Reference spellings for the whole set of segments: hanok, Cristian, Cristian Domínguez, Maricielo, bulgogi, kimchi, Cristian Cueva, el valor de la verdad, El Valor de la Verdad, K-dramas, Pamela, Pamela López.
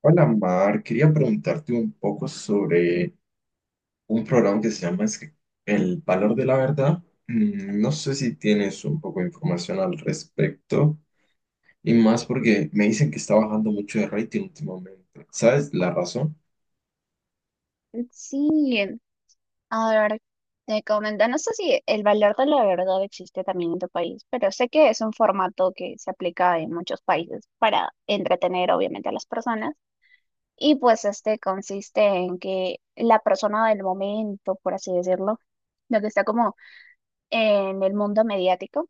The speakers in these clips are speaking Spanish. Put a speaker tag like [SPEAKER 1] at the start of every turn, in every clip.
[SPEAKER 1] Hola Mar, quería preguntarte un poco sobre un programa que se llama El Valor de la Verdad. No sé si tienes un poco de información al respecto y más porque me dicen que está bajando mucho de rating últimamente. ¿Sabes la razón?
[SPEAKER 2] Sí, a ver, te comento, no sé si el valor de la verdad existe también en tu país, pero sé que es un formato que se aplica en muchos países para entretener obviamente a las personas. Y pues este consiste en que la persona del momento, por así decirlo, lo que está como en el mundo mediático,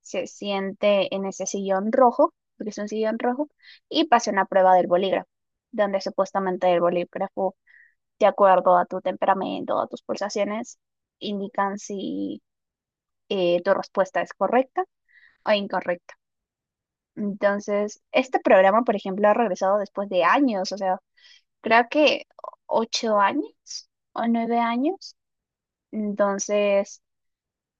[SPEAKER 2] se siente en ese sillón rojo, porque es un sillón rojo, y pasa una prueba del bolígrafo, donde supuestamente el bolígrafo de acuerdo a tu temperamento, a tus pulsaciones, indican si tu respuesta es correcta o incorrecta. Entonces, este programa, por ejemplo, ha regresado después de años, o sea, creo que 8 años o 9 años. Entonces,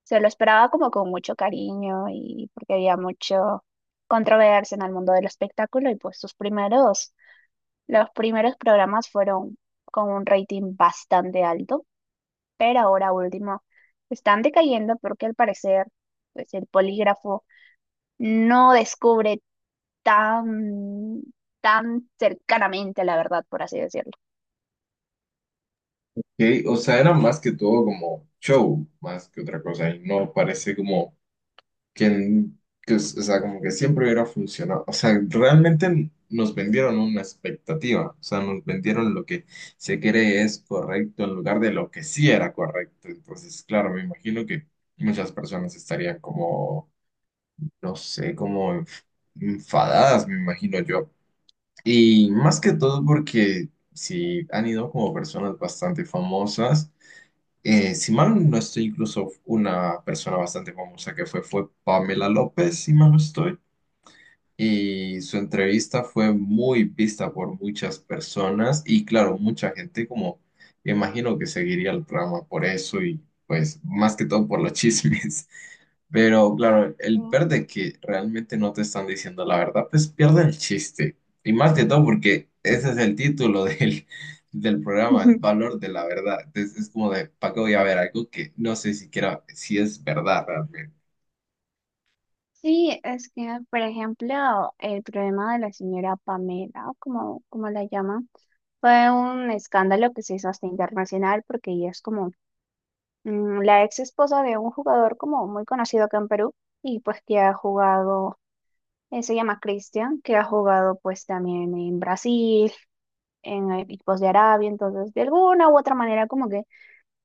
[SPEAKER 2] se lo esperaba como con mucho cariño y porque había mucho controversia en el mundo del espectáculo y pues los primeros programas fueron con un rating bastante alto. Pero ahora último están decayendo porque al parecer pues el polígrafo no descubre tan, tan cercanamente la verdad, por así decirlo.
[SPEAKER 1] Que, o sea, era más que todo como show, más que otra cosa y no parece como que, o sea, como que siempre hubiera funcionado. O sea, realmente nos vendieron una expectativa, o sea, nos vendieron lo que se cree es correcto en lugar de lo que sí era correcto. Entonces, claro, me imagino que muchas personas estarían como, no sé, como enfadadas, me imagino yo. Y más que todo porque si han ido como personas bastante famosas. Si mal no estoy, incluso una persona bastante famosa que fue Pamela López, si mal no estoy. Y su entrevista fue muy vista por muchas personas y claro, mucha gente como me imagino que seguiría el programa por eso y pues más que todo por los chismes. Pero claro,
[SPEAKER 2] Sí.
[SPEAKER 1] el verde que realmente no te están diciendo la verdad, pues pierde el chiste. Y más que todo porque ese es el título del programa, el
[SPEAKER 2] Ujú.
[SPEAKER 1] valor de la verdad. Entonces es como de, ¿para qué voy a ver algo que no sé siquiera si es verdad realmente?
[SPEAKER 2] Sí, es que, por ejemplo, el problema de la señora Pamela, como la llaman, fue un escándalo que se hizo hasta internacional porque ella es como la ex esposa de un jugador como muy conocido acá en Perú y pues que ha jugado. Se llama Cristian, que ha jugado pues también en Brasil, en equipos de Arabia, entonces de alguna u otra manera como que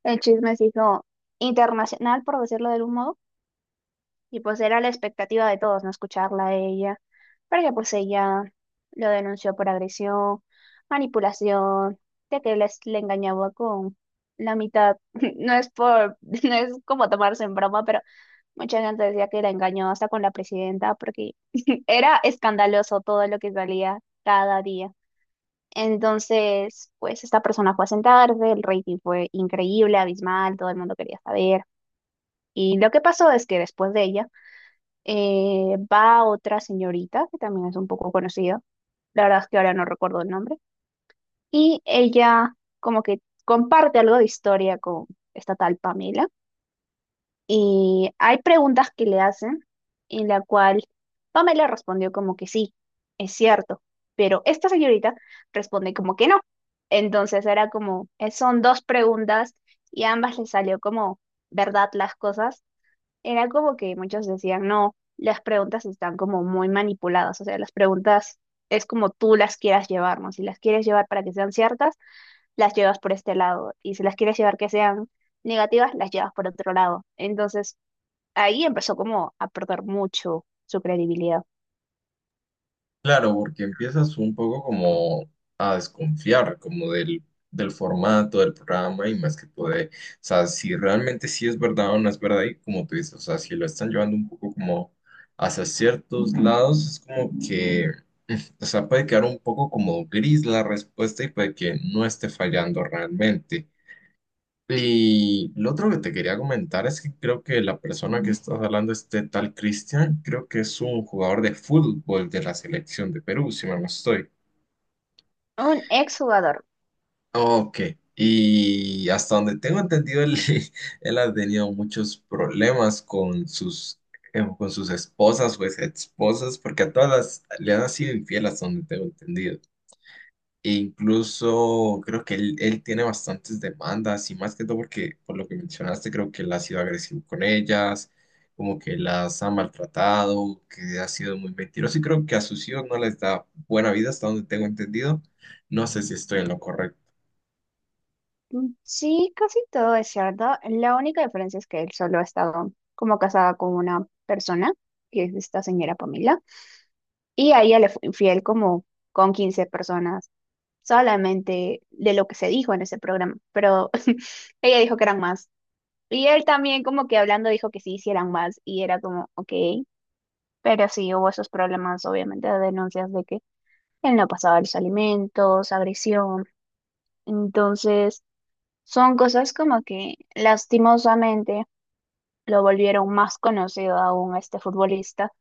[SPEAKER 2] el chisme se hizo internacional, por decirlo de algún modo, y pues era la expectativa de todos, no escucharla a ella, porque pues ella lo denunció por agresión, manipulación, de que le engañaba con la mitad, no es como tomarse en broma, pero. Mucha gente decía que la engañó hasta con la presidenta porque era escandaloso todo lo que salía cada día. Entonces, pues esta persona fue a sentarse, el rating fue increíble, abismal, todo el mundo quería saber. Y lo que pasó es que después de ella va otra señorita que también es un poco conocida, la verdad es que ahora no recuerdo el nombre, y ella como que comparte algo de historia con esta tal Pamela. Y hay preguntas que le hacen en la cual Pamela respondió como que sí, es cierto, pero esta señorita responde como que no. Entonces era como, son dos preguntas y a ambas les salió como verdad las cosas. Era como que muchos decían, no, las preguntas están como muy manipuladas, o sea, las preguntas es como tú las quieras llevar, ¿no? Si las quieres llevar para que sean ciertas, las llevas por este lado, y si las quieres llevar que sean negativas, las llevas por otro lado. Entonces ahí empezó como a perder mucho su credibilidad.
[SPEAKER 1] Claro, porque empiezas un poco como a desconfiar como del formato del programa y más que todo de, o sea, si realmente sí es verdad o no es verdad y como tú dices, o sea, si lo están llevando un poco como hacia ciertos lados, es como que, o sea, puede quedar un poco como gris la respuesta y puede que no esté fallando realmente. Y lo otro que te quería comentar es que creo que la persona que estás hablando, este tal Cristian, creo que es un jugador de fútbol de la selección de Perú, si mal no estoy.
[SPEAKER 2] Un ex jugador.
[SPEAKER 1] Ok, y hasta donde tengo entendido, él, él ha tenido muchos problemas con con sus esposas o ex esposas, porque a le han sido infiel hasta donde tengo entendido. E incluso creo que él tiene bastantes demandas y más que todo porque por lo que mencionaste creo que él ha sido agresivo con ellas, como que las ha maltratado, que ha sido muy mentiroso y creo que a sus hijos no les da buena vida hasta donde tengo entendido. No sé si estoy en lo correcto.
[SPEAKER 2] Sí, casi todo es cierto. La única diferencia es que él solo ha estado como casada con una persona, que es esta señora Pamela, y a ella le fue infiel como con 15 personas, solamente de lo que se dijo en ese programa, pero ella dijo que eran más. Y él también como que hablando dijo que sí, sí eran más, y era como, ok, pero sí hubo esos problemas, obviamente, de denuncias de que él no pasaba los alimentos, agresión. Entonces, son cosas como que lastimosamente lo volvieron más conocido aún a este futbolista.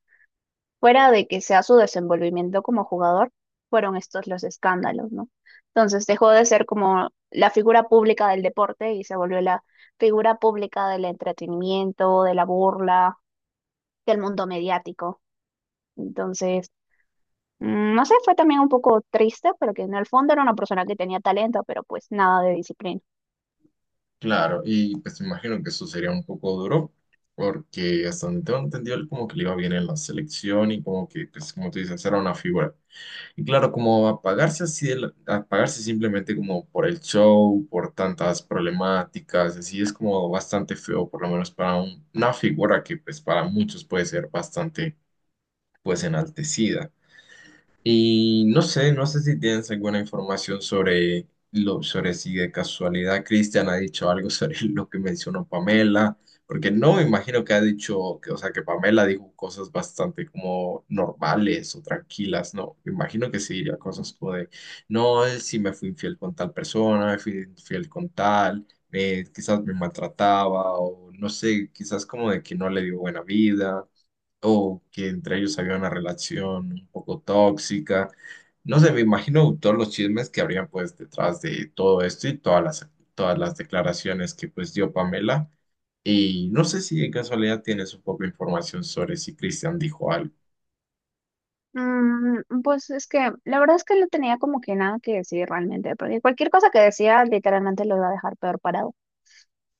[SPEAKER 2] Fuera de que sea su desenvolvimiento como jugador, fueron estos los escándalos, ¿no? Entonces dejó de ser como la figura pública del deporte y se volvió la figura pública del entretenimiento, de la burla, del mundo mediático. Entonces, no sé, fue también un poco triste, pero que en el fondo era una persona que tenía talento, pero pues nada de disciplina.
[SPEAKER 1] Claro, y pues me imagino que eso sería un poco duro porque hasta donde tengo entendido él como que le iba bien en la selección y como que pues como tú dices era una figura. Y claro, como apagarse así, apagarse simplemente como por el show, por tantas problemáticas, así es como bastante feo, por lo menos para una figura que pues para muchos puede ser bastante pues enaltecida. Y no sé, no sé si tienes alguna información sobre, sobre si de casualidad Cristian ha dicho algo sobre lo que mencionó Pamela, porque no me imagino que ha dicho, que, o sea, que Pamela dijo cosas bastante como normales o tranquilas, no, me imagino que sí diría cosas como de, no, él sí me fui infiel con tal persona, me fui infiel con tal, quizás me maltrataba o no sé, quizás como de que no le dio buena vida o que entre ellos había una relación un poco tóxica. No sé, me imagino todos los chismes que habrían pues detrás de todo esto y todas las declaraciones que pues dio Pamela. Y no sé si de casualidad tienes un poco de información sobre si Cristian dijo algo.
[SPEAKER 2] Pues es que la verdad es que no tenía como que nada que decir realmente, porque cualquier cosa que decía literalmente lo iba a dejar peor parado.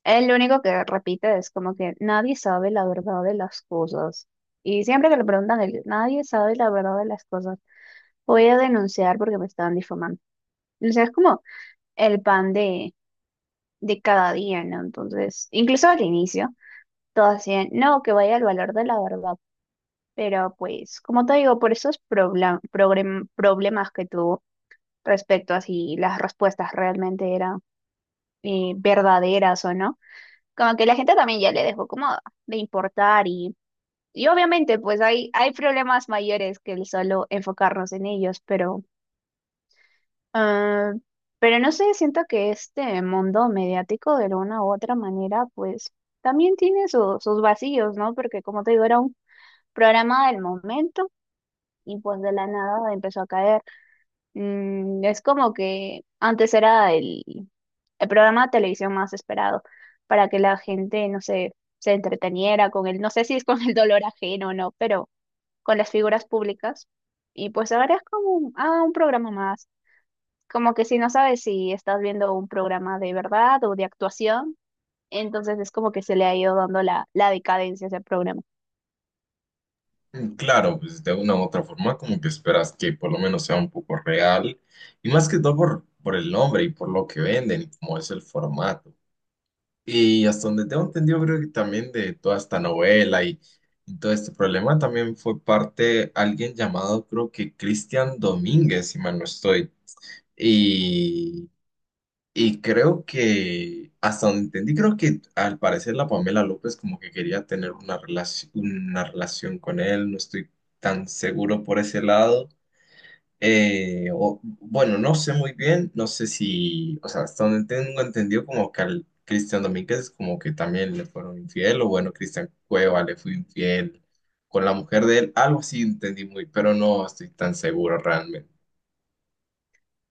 [SPEAKER 2] Él lo único que repite es como que nadie sabe la verdad de las cosas. Y siempre que le preguntan, él, nadie sabe la verdad de las cosas. Voy a denunciar porque me estaban difamando. O sea, es como el pan de cada día, ¿no? Entonces, incluso al inicio, todo así, de, no, que vaya al valor de la verdad. Pero pues, como te digo, por esos problemas que tuvo respecto a si las respuestas realmente eran verdaderas o no, como que la gente también ya le dejó como de importar y obviamente pues hay problemas mayores que el solo enfocarnos en ellos, ah, pero no sé, siento que este mundo mediático de alguna u otra manera pues también tiene sus vacíos, ¿no? Porque como te digo, era un programa del momento y pues de la nada empezó a caer. Es como que antes era el programa de televisión más esperado para que la gente, no sé, se entreteniera con el, no sé si es con el dolor ajeno o no, pero con las figuras públicas. Y pues ahora es como un programa más. Como que si no sabes si estás viendo un programa de verdad o de actuación, entonces es como que se le ha ido dando la decadencia a ese programa.
[SPEAKER 1] Claro, pues de una u otra forma como que esperas que por lo menos sea un poco real y más que todo por el nombre y por lo que venden, como es el formato. Y hasta donde tengo entendido, creo que también de toda esta novela y todo este problema también fue parte alguien llamado, creo que Cristian Domínguez, si mal no estoy. Y, y creo que, hasta donde entendí, creo que al parecer la Pamela López como que quería tener una relación con él, no estoy tan seguro por ese lado. Bueno, no sé muy bien, no sé si, o sea, hasta donde tengo entendido como que al Cristian Domínguez como que también le fueron infiel, o bueno, Cristian Cueva le fue infiel con la mujer de él, algo así entendí muy, pero no estoy tan seguro realmente.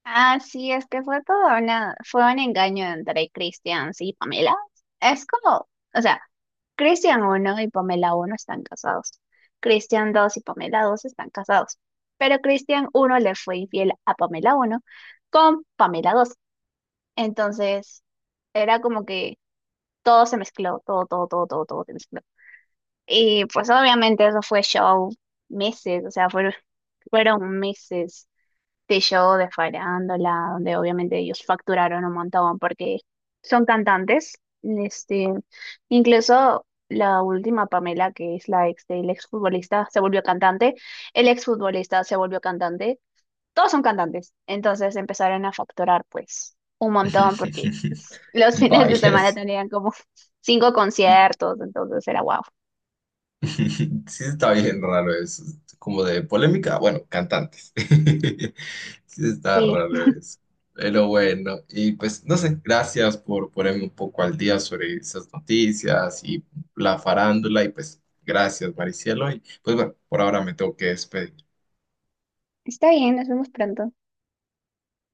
[SPEAKER 2] Ah, sí, es que fue todo una, fue un engaño entre Christian y Pamela. Es como, o sea, Christian uno y Pamela uno están casados. Christian dos y Pamela dos están casados. Pero Christian uno le fue infiel a Pamela uno con Pamela dos. Entonces, era como que todo se mezcló, todo, todo, todo, todo, todo se mezcló. Y pues obviamente eso fue show meses, o sea, fueron meses de show de farándula, donde obviamente ellos facturaron un montón porque son cantantes. Este, incluso la última Pamela, que es la ex del exfutbolista, se volvió cantante. El exfutbolista se volvió cantante. Todos son cantantes. Entonces empezaron a facturar pues un montón porque los fines de
[SPEAKER 1] Vaya,
[SPEAKER 2] semana
[SPEAKER 1] sí.
[SPEAKER 2] tenían como cinco conciertos, entonces era guau.
[SPEAKER 1] Sí, está bien raro eso. Como de polémica, bueno, cantantes. Sí, está
[SPEAKER 2] Sí,
[SPEAKER 1] raro eso. Pero bueno, y pues no sé, gracias por ponerme un poco al día sobre esas noticias y la farándula. Y pues gracias, Maricielo. Y pues bueno, por ahora me tengo que despedir.
[SPEAKER 2] está bien, nos vemos pronto.